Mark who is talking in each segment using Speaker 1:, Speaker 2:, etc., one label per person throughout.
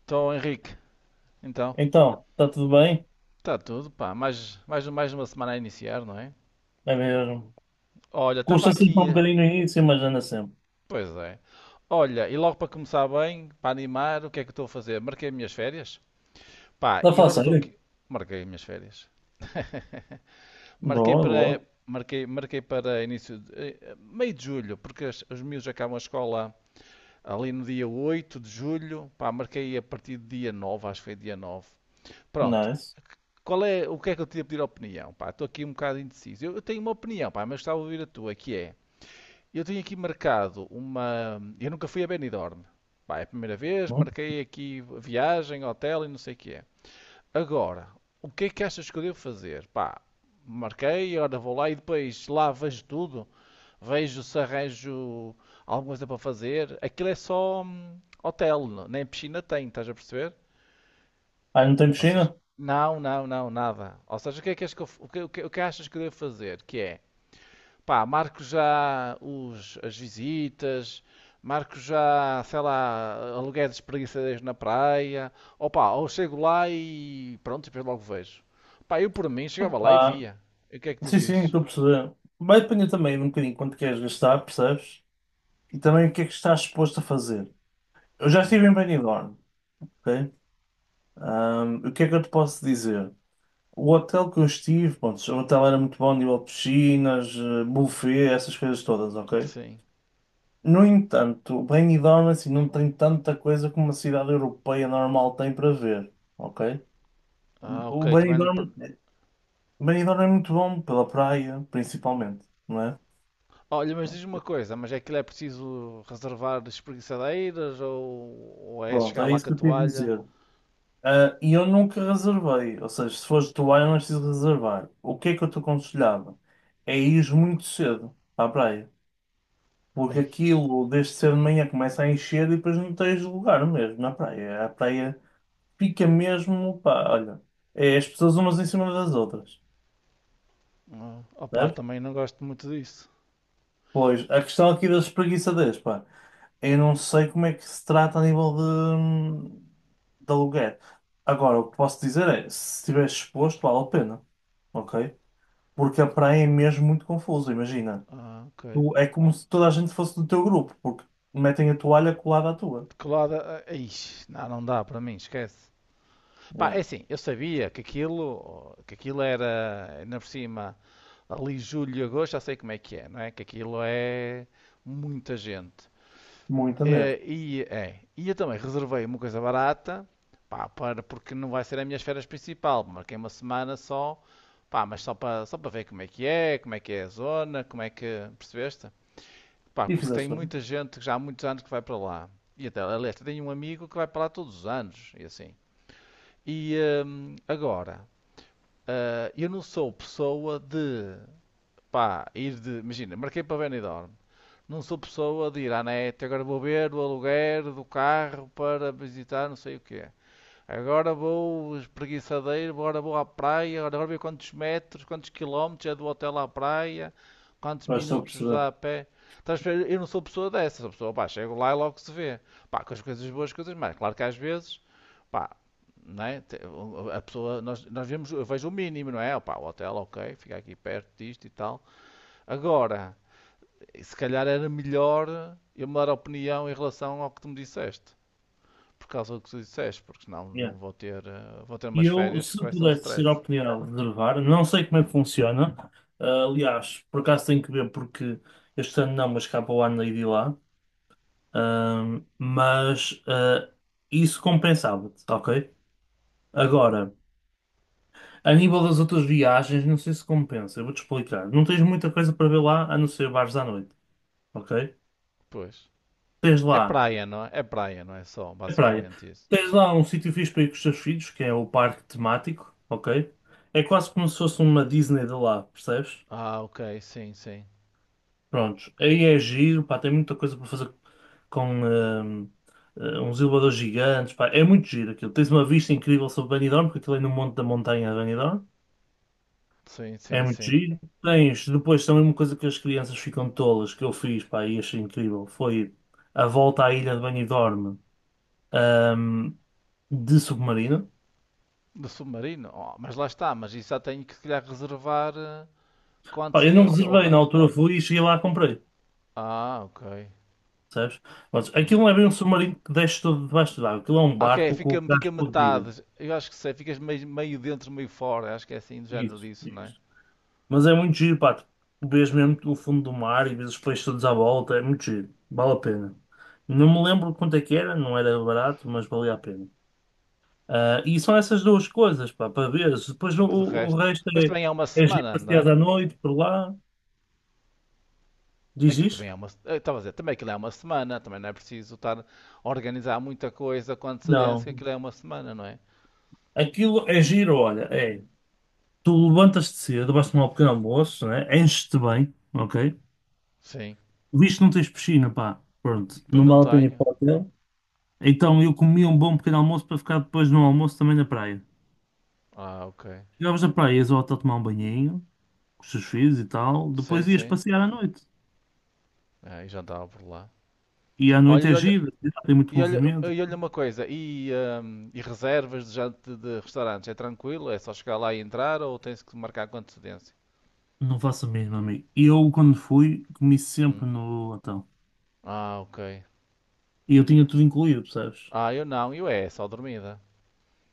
Speaker 1: Estou, Henrique. Então,
Speaker 2: Então, está tudo bem?
Speaker 1: está tudo, pá. Mais uma semana a iniciar, não é?
Speaker 2: É mesmo.
Speaker 1: Olha, estava
Speaker 2: Custa sempre um
Speaker 1: aqui.
Speaker 2: bocadinho no início, mas anda sempre.
Speaker 1: Pois é. Olha, e logo para começar bem, para animar, o que é que estou a fazer? Marquei as minhas férias. Pá,
Speaker 2: Está a
Speaker 1: e
Speaker 2: falar
Speaker 1: agora estou
Speaker 2: sério?
Speaker 1: aqui. Marquei as minhas férias. Marquei
Speaker 2: Boa,
Speaker 1: para.
Speaker 2: boa.
Speaker 1: Marquei para início de meio de julho, porque os miúdos acabam a escola ali no dia 8 de julho. Pá, marquei a partir do dia 9, acho que foi dia 9. Pronto.
Speaker 2: Nice.
Speaker 1: Qual é, o que é que eu tinha a pedir a opinião? Pá, estou aqui um bocado indeciso. Eu tenho uma opinião, pá, mas estava a ouvir a tua, que é... Eu tenho aqui marcado uma... Eu nunca fui a Benidorm. Pá, é a primeira vez,
Speaker 2: Hum.
Speaker 1: marquei aqui viagem, hotel e não sei o que é. Agora, o que é que achas que eu devo fazer? Pá, marquei, ora vou lá e depois lá vejo tudo. Vejo se arranjo alguma coisa para fazer. Aquilo é só hotel, nem piscina tem, estás a perceber?
Speaker 2: Ah, não tem
Speaker 1: Ou seja,
Speaker 2: piscina?
Speaker 1: não, nada. Ou seja, o que é que, és que eu, o que, o que, o que achas que eu devo fazer? Que é, pá, marco já as visitas, marco já, sei lá, aluguéis de espreguiçadeiros na praia, ou pá, ou chego lá e pronto, e depois logo vejo. Pá, eu por mim chegava lá e
Speaker 2: Opa.
Speaker 1: via. E o que é que tu
Speaker 2: Sim, sim,
Speaker 1: dizes?
Speaker 2: estou a perceber. Vai depender também de um bocadinho quanto queres gastar, percebes? E também o que é que estás disposto a fazer. Eu já
Speaker 1: Hum,
Speaker 2: estive em Benidorm, ok? O que é que eu te posso dizer? O hotel que eu estive, pronto, o hotel era muito bom, nível de piscinas, buffet, essas coisas todas, ok?
Speaker 1: sim.
Speaker 2: No entanto, Benidorm assim, não tem tanta coisa como uma cidade europeia normal tem para ver, ok?
Speaker 1: Ah,
Speaker 2: O
Speaker 1: ok, também não.
Speaker 2: Benidorm, Benidorm é muito bom pela praia, principalmente, não é?
Speaker 1: Olha, mas diz-me uma coisa, mas é que é preciso reservar espreguiçadeiras ou é
Speaker 2: Pronto,
Speaker 1: chegar
Speaker 2: é
Speaker 1: lá
Speaker 2: isso
Speaker 1: com a
Speaker 2: que eu te ia
Speaker 1: toalha?
Speaker 2: dizer. Ah, e eu nunca reservei, ou seja, se fores de vai, não é preciso reservar. O que é que eu te aconselhava? É ir muito cedo à praia, porque
Speaker 1: Ei.
Speaker 2: aquilo desde cedo de manhã começa a encher e depois não tens lugar mesmo na praia. A praia fica mesmo, pá, olha, é as pessoas umas em cima das outras,
Speaker 1: Ah, opá,
Speaker 2: certo?
Speaker 1: também não gosto muito disso.
Speaker 2: Pois, a questão aqui das espreguiçadeiras, pá, eu não sei como é que se trata a nível de aluguer. Agora, o que posso dizer é, se estiver exposto, vale a pena, ok? Porque a praia é mesmo muito confusa, imagina.
Speaker 1: Ah, ok.
Speaker 2: Tu, é como se toda a gente fosse do teu grupo, porque metem a toalha colada à tua.
Speaker 1: De que lado? Ah, ixi, não, não dá para mim, esquece. Pá,
Speaker 2: É,
Speaker 1: é assim, eu sabia que aquilo era, ainda por cima, ali julho e agosto, já sei como é que é, não é? Que aquilo é muita gente.
Speaker 2: muita mesmo.
Speaker 1: E eu também reservei uma coisa barata, pá, para, porque não vai ser a minha férias principal, marquei uma semana só, pá, mas só para, só para ver como é que é, como é que é a zona, como é que, percebeste? Pá,
Speaker 2: E
Speaker 1: porque tem
Speaker 2: fizeste bem,
Speaker 1: muita gente que já há muitos anos que vai para lá. E até, aliás, tenho um amigo que vai para lá todos os anos, e assim. E agora, eu não sou pessoa de, pá, ir de, imagina, marquei para Benidorm. Não sou pessoa de ir à net, agora vou ver o aluguer do carro para visitar não sei o quê. Agora vou espreguiçadeiro, agora vou à praia, agora vou ver quantos metros, quantos quilómetros é do hotel à praia, quantos
Speaker 2: vais só
Speaker 1: minutos
Speaker 2: perceber.
Speaker 1: dá a pé. Eu não sou pessoa dessa, sou pessoa, pá, chego lá e logo se vê. Pá, com as coisas boas, coisas mais. Claro que às vezes, pá, não é? A pessoa, nós vemos, eu vejo o mínimo, não é? Pá, o hotel, ok, fica aqui perto disto e tal. Agora, se calhar era melhor eu mudar a opinião em relação ao que tu me disseste por causa do que tu disseste, porque senão não vou ter, vou ter
Speaker 2: E
Speaker 1: umas
Speaker 2: eu,
Speaker 1: férias
Speaker 2: se
Speaker 1: que vai ser um
Speaker 2: pudesse ter a
Speaker 1: stress.
Speaker 2: oportunidade de reservar, não sei como é que funciona. Ah, aliás, por acaso tenho que ver porque este ano não, mas cá para o ano hei de ir lá. Mas isso compensava-te, ok? Agora, a nível das outras viagens, não sei se compensa, eu vou-te explicar. Não tens muita coisa para ver lá, a não ser bares à noite, ok?
Speaker 1: Pois.
Speaker 2: Tens
Speaker 1: É
Speaker 2: lá
Speaker 1: praia, não é? É praia, não é só,
Speaker 2: a praia.
Speaker 1: basicamente isso.
Speaker 2: Tens lá um sítio fixe para ir com os teus filhos, que é o parque temático, ok? É quase como se fosse uma Disney de lá, percebes?
Speaker 1: Ah, ok, sim, sim.
Speaker 2: Prontos, aí é giro, pá, tem muita coisa para fazer com uns elevadores gigantes, pá, é muito giro aquilo. Tens uma vista incrível sobre Benidorm, porque aquilo é no monte da montanha de Benidorm,
Speaker 1: Sim,
Speaker 2: é
Speaker 1: sim,
Speaker 2: muito
Speaker 1: sim.
Speaker 2: giro. Tens, depois também uma coisa que as crianças ficam tolas, que eu fiz, pá, e achei incrível, foi a volta à ilha de Benidorm, hum, de submarino.
Speaker 1: Do submarino? Oh, mas lá está, mas isso já tenho que se calhar reservar com
Speaker 2: Pá, eu não
Speaker 1: antecedência. Ou
Speaker 2: reservei, na
Speaker 1: da...
Speaker 2: altura fui e cheguei lá e comprei,
Speaker 1: Ah, ok.
Speaker 2: sabes? Mas aquilo
Speaker 1: Hum.
Speaker 2: não é bem um submarino que desce todo debaixo d'água, aquilo é um
Speaker 1: Ah, ok,
Speaker 2: barco com
Speaker 1: fica,
Speaker 2: o gás
Speaker 1: fica
Speaker 2: explodido.
Speaker 1: metade. Eu acho que sei, ficas meio, meio dentro, meio fora. Acho que é assim do género
Speaker 2: Isso,
Speaker 1: disso, não é?
Speaker 2: isso. Mas é muito giro, pá. Tu vês mesmo o fundo do mar e vês os peixes todos à volta. É muito giro. Vale a pena. Não me lembro quanto é que era, não era barato, mas valia a pena. Ah, e são essas duas coisas, pá, para veres. Depois o,
Speaker 1: Porque de
Speaker 2: o o
Speaker 1: resto.
Speaker 2: resto
Speaker 1: Mas
Speaker 2: é,
Speaker 1: também é uma
Speaker 2: é giro
Speaker 1: semana, não
Speaker 2: passear
Speaker 1: é?
Speaker 2: à noite por lá. Diz
Speaker 1: Aquilo também
Speaker 2: isto?
Speaker 1: é uma, eu estava a dizer, também aquilo é uma semana, também não é preciso estar a organizar muita coisa com antecedência, que
Speaker 2: Não.
Speaker 1: aquilo é uma semana, não é?
Speaker 2: Aquilo é giro, olha. É. Tu levantas-te cedo, vais tomar um pequeno almoço, né? Enches-te bem, ok?
Speaker 1: Sim.
Speaker 2: Visto que não tens piscina, pá. Pronto,
Speaker 1: Pois
Speaker 2: não
Speaker 1: não
Speaker 2: vale a pena ir
Speaker 1: tenho.
Speaker 2: para o hotel. Então eu comia um bom pequeno almoço para ficar depois no almoço também na praia.
Speaker 1: Ah, ok.
Speaker 2: Chegavas na praia, ias ao hotel tomar um banhinho, com os teus filhos e tal.
Speaker 1: Sim,
Speaker 2: Depois ias
Speaker 1: sim.
Speaker 2: passear à noite.
Speaker 1: Ah, e já andava por lá.
Speaker 2: E à
Speaker 1: Olha,
Speaker 2: noite
Speaker 1: e
Speaker 2: é
Speaker 1: olha,
Speaker 2: giro, tem muito
Speaker 1: e olha,
Speaker 2: movimento.
Speaker 1: e olha uma coisa, e reservas de restaurantes, é tranquilo? É só chegar lá e entrar ou tens que marcar com antecedência?
Speaker 2: Não faço mesmo, amigo. E eu, quando fui, comi sempre
Speaker 1: Hum.
Speaker 2: no hotel.
Speaker 1: Ah, ok.
Speaker 2: E eu tinha tudo incluído, percebes?
Speaker 1: Ah, eu não, eu é, só dormida.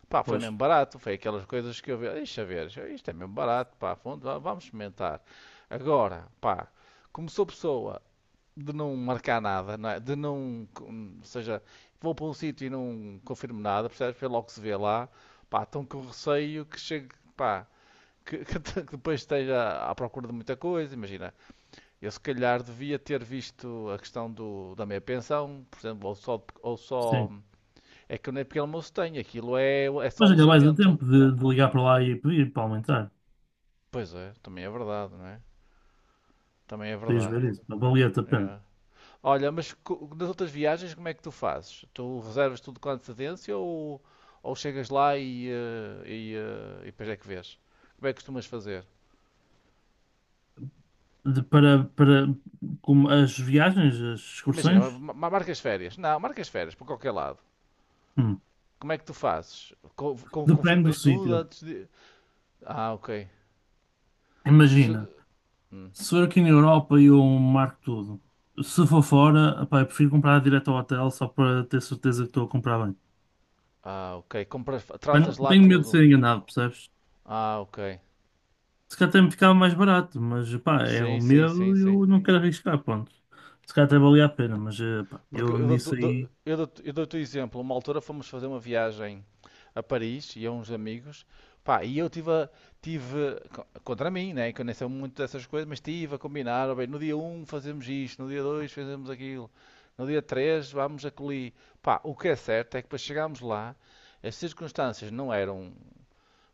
Speaker 1: Pá, foi
Speaker 2: Pois,
Speaker 1: mesmo barato, foi aquelas coisas que eu vi, deixa ver, isto é mesmo barato, pá, vamos experimentar. Agora, pá, como sou pessoa de não marcar nada, não é? De não, ou seja, vou para um sítio e não confirmo nada, percebes? Foi logo que se vê lá, pá, estão com receio que chegue, pá, que, que depois esteja à procura de muita coisa, imagina, eu se calhar devia ter visto a questão da minha pensão, por exemplo, ou só,
Speaker 2: sim.
Speaker 1: é que eu nem pequeno almoço tenho, aquilo é, é só
Speaker 2: Mas ainda mais a
Speaker 1: alojamento.
Speaker 2: tempo de ligar para lá e pedir para aumentar.
Speaker 1: Pois é, também é verdade, não é? Também é
Speaker 2: Podias
Speaker 1: verdade.
Speaker 2: ver isso. Não valia-te a pena.
Speaker 1: É. Olha, mas nas outras viagens como é que tu fazes? Tu reservas tudo com antecedência ou chegas lá e depois é que vês? Como é que costumas fazer?
Speaker 2: De- para, para como as viagens, as
Speaker 1: Imagina,
Speaker 2: excursões,
Speaker 1: marcas férias. Não, marcas férias para qualquer lado.
Speaker 2: hum,
Speaker 1: Como é que tu fazes?
Speaker 2: depende do
Speaker 1: Confirmas tudo
Speaker 2: sítio.
Speaker 1: antes de. Ah, ok. Se-
Speaker 2: Imagina.
Speaker 1: hum.
Speaker 2: Se for aqui na Europa, eu marco tudo. Se for fora, pá, eu prefiro comprar direto ao hotel só para ter certeza que estou a comprar bem.
Speaker 1: Ah, ok. Compras,
Speaker 2: Mas
Speaker 1: tratas
Speaker 2: não-
Speaker 1: lá
Speaker 2: tenho medo de
Speaker 1: tudo.
Speaker 2: ser enganado, percebes?
Speaker 1: Ah, ok.
Speaker 2: Se calhar até me ficava mais barato, mas pá, é o
Speaker 1: Sim, sim, sim,
Speaker 2: medo e
Speaker 1: sim.
Speaker 2: eu não quero arriscar, ponto. Se calhar até valia a pena, mas pá,
Speaker 1: Porque
Speaker 2: eu
Speaker 1: eu
Speaker 2: nisso
Speaker 1: dou-te dou-
Speaker 2: aí,
Speaker 1: eu dou-te o exemplo. Uma altura fomos fazer uma viagem a Paris, e a uns amigos, pá, e eu tive, tive contra mim, né, que eu nem sei muito dessas coisas, mas tive a combinar, ó bem, no dia um fazemos isto, no dia 2 fazemos aquilo, no dia 3 vamos a Coli. Pá, o que é certo é que para chegarmos lá, as circunstâncias não eram.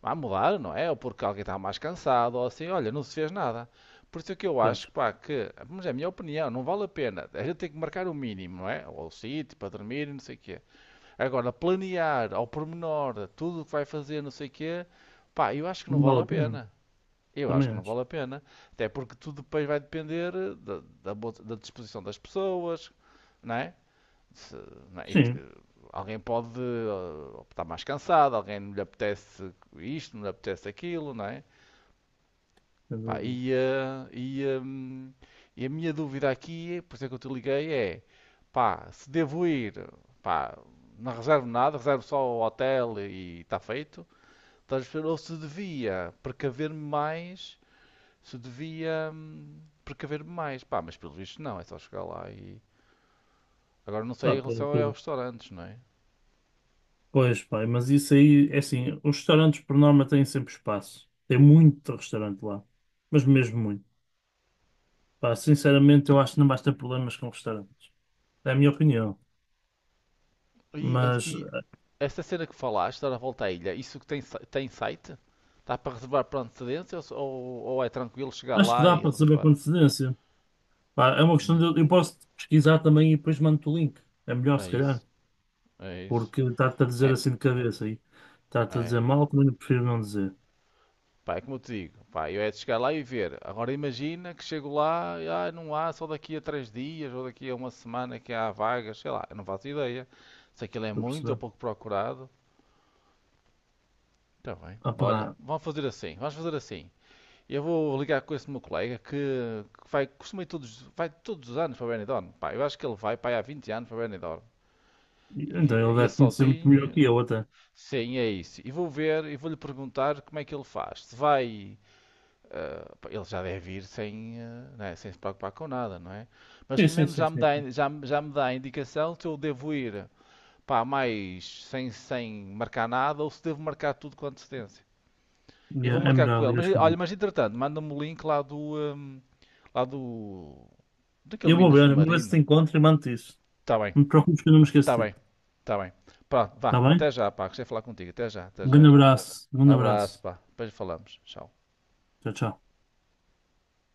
Speaker 1: Vai mudar, não é? Ou porque alguém está mais cansado, ou assim, olha, não se fez nada. Por isso é que eu acho,
Speaker 2: pois,
Speaker 1: pá, que, mas é a minha opinião, não vale a pena. A gente tem que marcar o mínimo, não é? Ou o sítio para dormir, não sei o quê. Agora, planear ao pormenor tudo o que vai fazer, não sei o quê, pá, eu acho que não
Speaker 2: não
Speaker 1: vale a
Speaker 2: vale a pena,
Speaker 1: pena. Eu acho
Speaker 2: também
Speaker 1: que não
Speaker 2: acho.
Speaker 1: vale a pena. Até porque tudo depois vai depender da da disposição das pessoas, não é? Se, não é?
Speaker 2: Sim,
Speaker 1: Alguém pode estar mais cansado, alguém não lhe apetece isto, não lhe apetece aquilo, não é?
Speaker 2: sem
Speaker 1: Pá,
Speaker 2: dúvida.
Speaker 1: e a minha dúvida aqui, por isso é que eu te liguei, é pá, se devo ir, pá, não reservo nada, reservo só o hotel e está feito, estás a perceber? Ou se devia precaver-me mais, se devia precaver-me mais, pá, mas pelo visto não, é só chegar lá e. Agora não sei
Speaker 2: Pá,
Speaker 1: em
Speaker 2: pelo
Speaker 1: relação a
Speaker 2: que-
Speaker 1: restaurantes, não é?
Speaker 2: pois, pá, mas isso aí, é assim, os restaurantes por norma têm sempre espaço. Tem muito restaurante lá, mas mesmo muito. Pá, sinceramente, eu acho que não vais ter problemas com restaurantes. É a minha opinião.
Speaker 1: E,
Speaker 2: Mas
Speaker 1: e Esta cena que falaste, dar a volta à ilha, isso que tem, tem site? Dá para reservar por antecedência ou, ou é tranquilo chegar
Speaker 2: acho que
Speaker 1: lá
Speaker 2: dá
Speaker 1: e
Speaker 2: para saber com
Speaker 1: reservar?
Speaker 2: antecedência. Pá, é uma questão
Speaker 1: Hum,
Speaker 2: de. Eu posso pesquisar também e depois mando-te o link. É melhor,
Speaker 1: é
Speaker 2: se calhar.
Speaker 1: isso, é isso.
Speaker 2: Porque está-te a dizer
Speaker 1: É,
Speaker 2: assim de cabeça aí. Está-te a
Speaker 1: é,
Speaker 2: dizer mal, também eu prefiro não dizer.
Speaker 1: pá, é como eu te digo, pá, eu é de chegar lá e ver. Agora imagina que chego lá e ah, não há, só daqui a três dias ou daqui a uma semana que há vagas, sei lá, eu não faço ideia. Se aquilo é
Speaker 2: Estou a
Speaker 1: muito ou
Speaker 2: perceber?
Speaker 1: pouco procurado, está bem.
Speaker 2: Ah,
Speaker 1: Olha,
Speaker 2: pá.
Speaker 1: vamos fazer assim, vamos fazer assim. Eu vou ligar com esse meu colega que vai, costuma ir todos, vai todos os anos para Benidorm. Pá, eu acho que ele vai, pá, há 20 anos para Benidorm.
Speaker 2: Então
Speaker 1: E
Speaker 2: ele
Speaker 1: ia
Speaker 2: deve conhecer muito melhor
Speaker 1: sozinho.
Speaker 2: que eu, até.
Speaker 1: Sim, é isso. E vou ver e vou-lhe perguntar como é que ele faz. Se vai. Ah, pá, ele já deve ir sem, ah, né, sem se preocupar com nada, não é? Mas
Speaker 2: Sim,
Speaker 1: pelo
Speaker 2: sim,
Speaker 1: menos
Speaker 2: sim,
Speaker 1: já me
Speaker 2: sim, sim.
Speaker 1: dá, já me dá a indicação se eu devo ir pá, mais sem, sem marcar nada ou se devo marcar tudo com antecedência. Eu vou
Speaker 2: Yeah, é
Speaker 1: marcar com
Speaker 2: melhor,
Speaker 1: ele.
Speaker 2: ligas
Speaker 1: Mas olha,
Speaker 2: comigo.
Speaker 1: mas entretanto, manda-me o link lá do. Lá do.
Speaker 2: E
Speaker 1: Daquele
Speaker 2: eu
Speaker 1: mini
Speaker 2: vou ver se te
Speaker 1: submarino.
Speaker 2: encontro e mando-te isso.
Speaker 1: Está bem,
Speaker 2: Não te preocupes que eu não me esqueço
Speaker 1: está
Speaker 2: de ti.
Speaker 1: bem, está bem. Pronto, vá.
Speaker 2: Está
Speaker 1: Até
Speaker 2: bem?
Speaker 1: já, pá. Gostei de falar contigo. Até já, até
Speaker 2: Um
Speaker 1: já.
Speaker 2: grande abraço. Um grande
Speaker 1: Abraço,
Speaker 2: abraço.
Speaker 1: pá. Depois falamos. Tchau.
Speaker 2: Tchau, tchau.